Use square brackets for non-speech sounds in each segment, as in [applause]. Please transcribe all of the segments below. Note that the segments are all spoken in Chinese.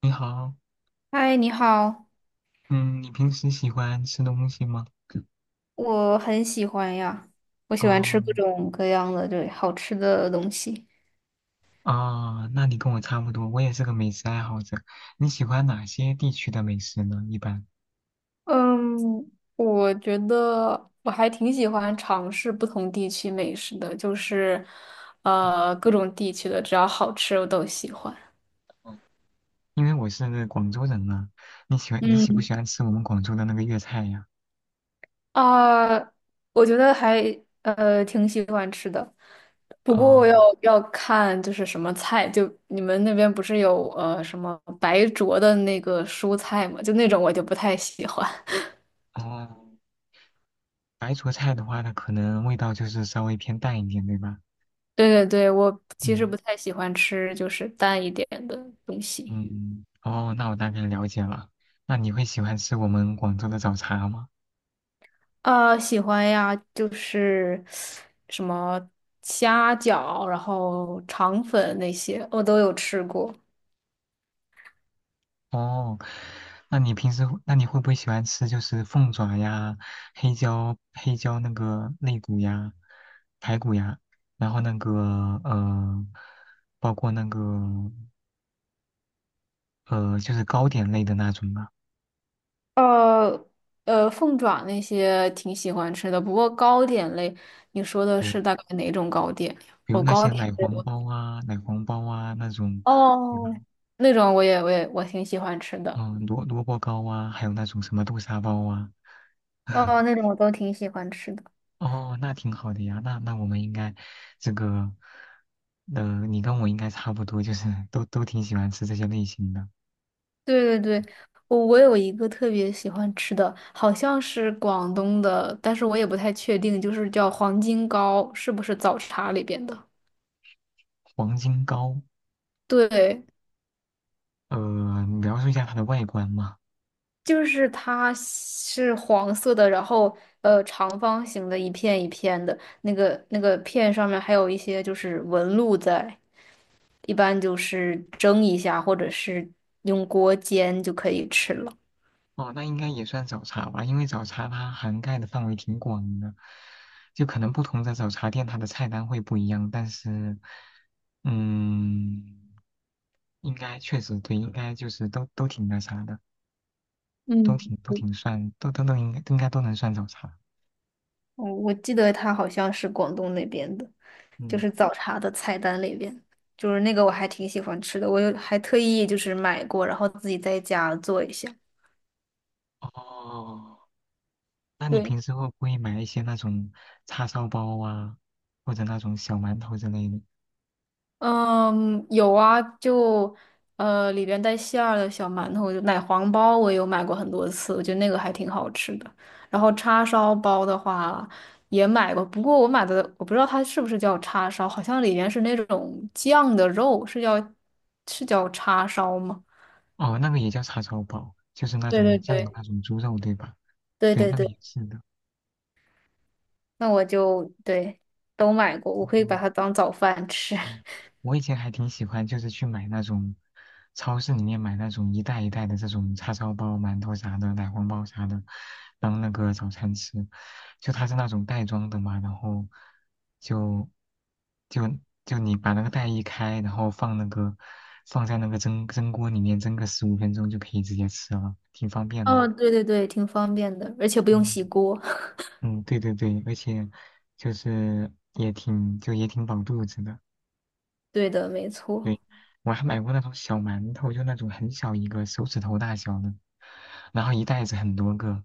你好，嗨，你好。嗯，你平时喜欢吃东西吗？我很喜欢呀，我喜欢吃哦，各种各样的对好吃的东西。哦，那你跟我差不多，我也是个美食爱好者。你喜欢哪些地区的美食呢？一般，嗯，我觉得我还挺喜欢尝试不同地区美食的，就是,各种地区的只要好吃我都喜欢。嗯，因为我是广州人嘛。你喜欢你喜不嗯。喜欢吃我们广州的那个粤菜呀？啊，我觉得还挺喜欢吃的，不过哦要看就是什么菜，就你们那边不是有什么白灼的那个蔬菜嘛，就那种我就不太喜欢。[laughs] 哦，白灼菜的话，它可能味道就是稍微偏淡一点，对吧？对对对，我其实嗯不太喜欢吃就是淡一点的东西。嗯，哦，那我大概了解了。那你会喜欢吃我们广州的早茶吗？啊，喜欢呀，就是什么虾饺，然后肠粉那些我都有吃过。哦，那你平时会那你会不会喜欢吃就是凤爪呀、黑椒、黑椒那个肋骨呀、排骨呀，然后那个包括那个就是糕点类的那种吧？呃凤爪那些挺喜欢吃的，不过糕点类，你说的对，是大概哪种糕点呀？比如哦，那糕些点奶类黄我包啊、那种，对吧？哦那种我也我挺喜欢吃的。嗯，萝卜糕啊，还有那种什么豆沙包啊。哦，[laughs] 那种我都挺喜欢吃的。哦，那挺好的呀。那我们应该这个，你跟我应该差不多，就是 [laughs] 都挺喜欢吃这些类型的。对对对，我我有一个特别喜欢吃的，好像是广东的，但是我也不太确定，就是叫黄金糕，是不是早茶里边的？黄金糕，对，你描述一下它的外观嘛。就是它是黄色的，然后长方形的一片一片的，那个片上面还有一些就是纹路在，一般就是蒸一下或者是用锅煎就可以吃了。哦，那应该也算早茶吧，因为早茶它涵盖的范围挺广的，就可能不同的早茶店它的菜单会不一样，但是，嗯，应该确实对，应该就是都挺那啥的，都嗯，挺都挺算，都都都应该都应该都能算早茶，我我记得它好像是广东那边的，就嗯。是早茶的菜单里边，就是那个我还挺喜欢吃的，我有还特意就是买过，然后自己在家做一下。哦，那你对。平时会不会买一些那种叉烧包啊，或者那种小馒头之类的？嗯，有啊，就里边带馅儿的小馒头，就奶黄包，我有买过很多次，我觉得那个还挺好吃的。然后叉烧包的话也买过，不过我买的我不知道它是不是叫叉烧，好像里面是那种酱的肉，是叫叉烧吗？哦，那个也叫叉烧包，就是那对种对酱的对那种猪肉，对吧？对对，对那个对，也是的。那我就对都买过，我可以把哦它当早饭吃。哦，[laughs] 我以前还挺喜欢，就是去买那种超市里面买那种一袋一袋的这种叉烧包、馒头啥的、奶黄包啥的，当那个早餐吃。就它是那种袋装的嘛，然后就就就你把那个袋一开，然后放在那个蒸锅里面蒸个15分钟就可以直接吃了，挺方便的。哦，对对对，挺方便的，而且不用嗯，洗锅。嗯，对对对，而且也挺饱肚子的。[laughs] 对的，没对，错。我还买过那种小馒头，就那种很小一个，手指头大小的，然后一袋子很多个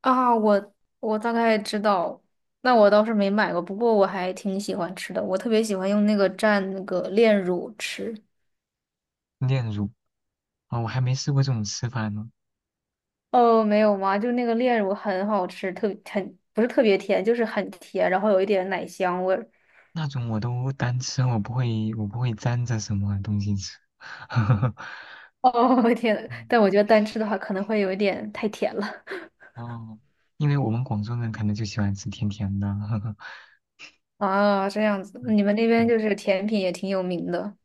啊，我我大概知道，那我倒是没买过，不过我还挺喜欢吃的，我特别喜欢用那个蘸那个炼乳吃。炼乳啊，我还没试过这种吃法呢。哦，没有吗？就那个炼乳很好吃，特很不是特别甜，就是很甜，然后有一点奶香味儿。那种我都单吃，我不会沾着什么东西吃。[laughs] 哦，[laughs] 天呐，嗯但我觉得单吃的话可能会有一点太甜了。哦，因为我们广州人可能就喜欢吃甜甜的。[laughs] [laughs] 啊，这样子，嗯，你们那边对就是甜品也挺有名的。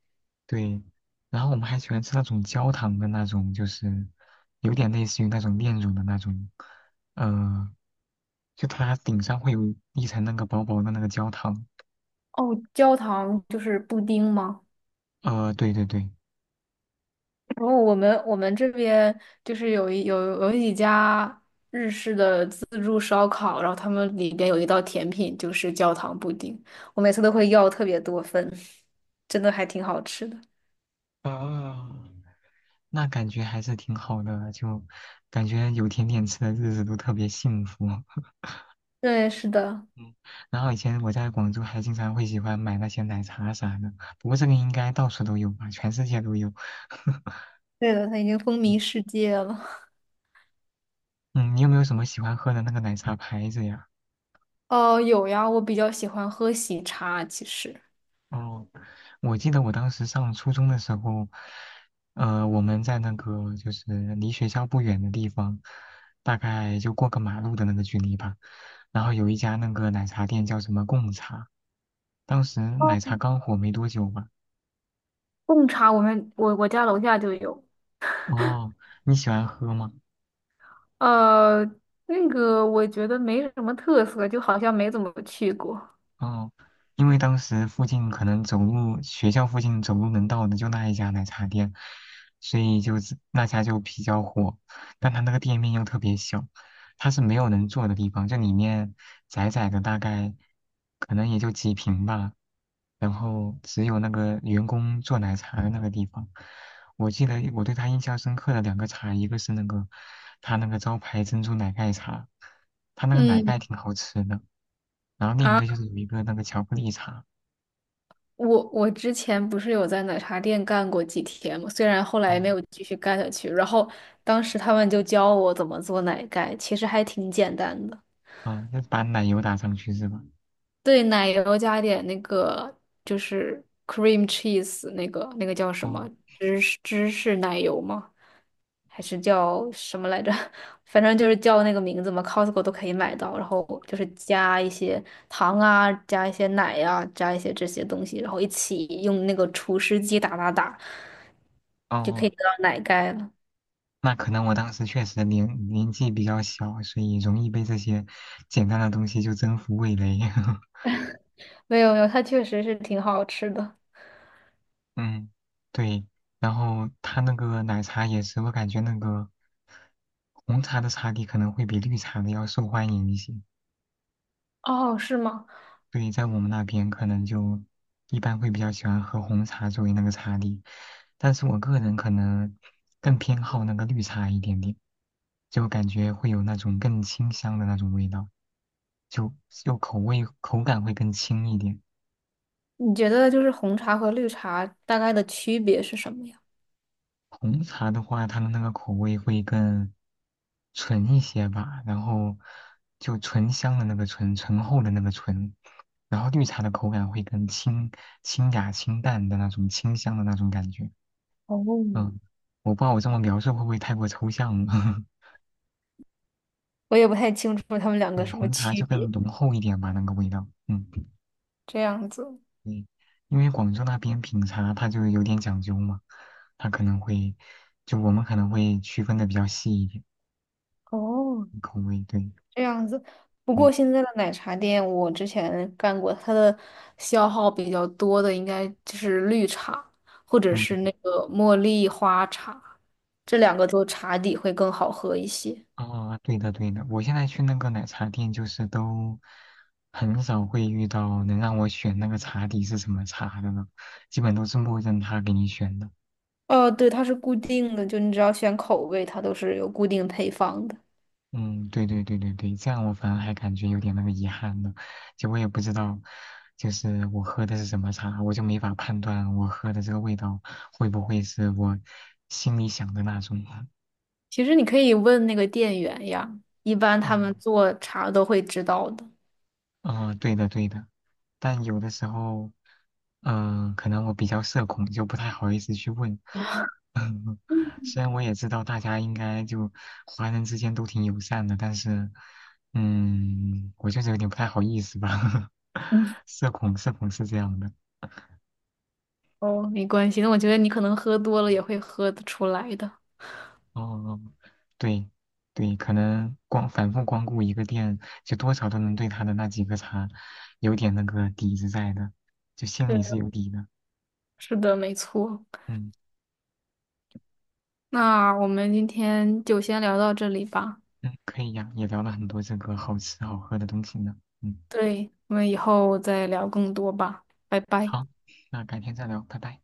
对，然后我们还喜欢吃那种焦糖的那种，就是有点类似于那种炼乳的那种，呃，就它顶上会有一层那个薄薄的那个焦糖。哦，焦糖就是布丁吗？对对对，然后我们这边就是有一有有几家日式的自助烧烤，然后他们里边有一道甜品就是焦糖布丁，我每次都会要特别多份，真的还挺好吃的。啊，那感觉还是挺好的，就感觉有甜点吃的日子都特别幸福。[laughs] 对，是的。嗯，然后以前我在广州还经常会喜欢买那些奶茶啥的，不过这个应该到处都有吧，全世界都有。[laughs] 对的，它已经风靡世界了。嗯，你有没有什么喜欢喝的那个奶茶牌子呀？哦，有呀，我比较喜欢喝喜茶，其实哦，我记得我当时上初中的时候，我们在那个就是离学校不远的地方，大概就过个马路的那个距离吧。然后有一家那个奶茶店叫什么贡茶，当时奶哦茶刚火没多久吧。贡茶我们我家楼下就有。哦，你喜欢喝吗？呃，那个我觉得没什么特色，就好像没怎么去过。哦，因为当时附近可能走路，学校附近走路能到的就那一家奶茶店，所以就是那家就比较火。但它那个店面又特别小，它是没有能坐的地方，就里面窄窄的，大概可能也就几平吧。然后只有那个员工做奶茶的那个地方，我记得我对他印象深刻的两个茶，一个是那个他那个招牌珍珠奶盖茶，他那个奶盖嗯。挺好吃的。然后另一个就啊。是有一个那个巧克力茶，我我之前不是有在奶茶店干过几天嘛，虽然后来哦，没有继续干下去，然后当时他们就教我怎么做奶盖，其实还挺简单的。哦，要把奶油打上去是吧？对，奶油加点那个就是 cream cheese 那个那个叫什哦么芝士芝士奶油吗？还是叫什么来着？[laughs] 反正就是叫那个名字嘛，Costco 都可以买到。然后就是加一些糖啊，加一些奶呀、啊加一些这些东西，然后一起用那个除湿机打打打，哦，就可以哦得到奶盖了。那可能我当时确实年纪比较小，所以容易被这些简单的东西就征服味蕾。[laughs] 没有没有，它确实是挺好吃的。嗯，对。然后他那个奶茶也是，我感觉那个红茶的茶底可能会比绿茶的要受欢迎一些。哦，是吗？对，在我们那边可能就一般会比较喜欢喝红茶作为那个茶底，但是我个人可能更偏好那个绿茶一点点，就感觉会有那种更清香的那种味道，就口味口感会更轻一点。你觉得就是红茶和绿茶大概的区别是什么呀？红茶的话，它的那个口味会更纯一些吧，然后就醇香的那个醇，醇厚的那个醇，然后绿茶的口感会更清雅清淡的那种清香的那种感觉。哦，嗯，我不知道我这么描述会不会太过抽象了。[laughs] 我也不太清楚它们两个对，什么红茶区就更别。浓厚一点吧，那个味道。嗯，这样子。对，因为广州那边品茶它就有点讲究嘛，它可能会，就我们可能会区分的比较细一点，哦，口味。对，这样子。不对，过现在的奶茶店，我之前干过，它的消耗比较多的应该就是绿茶，或者嗯，是那个茉莉花茶，这两个做茶底会更好喝一些。哦，对的，对的。我现在去那个奶茶店，就是都很少会遇到能让我选那个茶底是什么茶的了，基本都是默认他给你选的。哦，对，它是固定的，就你只要选口味，它都是有固定配方的。嗯，对对对对对，这样我反而还感觉有点那个遗憾呢。就我也不知道，就是我喝的是什么茶，我就没法判断我喝的这个味道会不会是我心里想的那种。[laughs] 其实你可以问那个店员呀，一般他们嗯，做茶都会知道的。嗯、对的对的，但有的时候，嗯、可能我比较社恐，就不太好意思去问。[laughs] 虽然我也知道大家应该就华人之间都挺友善的，但是，嗯，我就是有点不太好意思吧。[laughs] 嗯，社恐，社恐是这样的。[laughs] 哦，没关系，那我觉得你可能喝多了也会喝得出来的。哦，对，对，可能光反复光顾一个店，就多少都能对他的那几个茶有点那个底子在的，就心里对，是有底的。是的，没错。嗯。那我们今天就先聊到这里吧。嗯，可以呀，也聊了很多这个好吃好喝的东西呢。嗯，对，我们以后再聊更多吧，拜拜。好，那改天再聊，拜拜。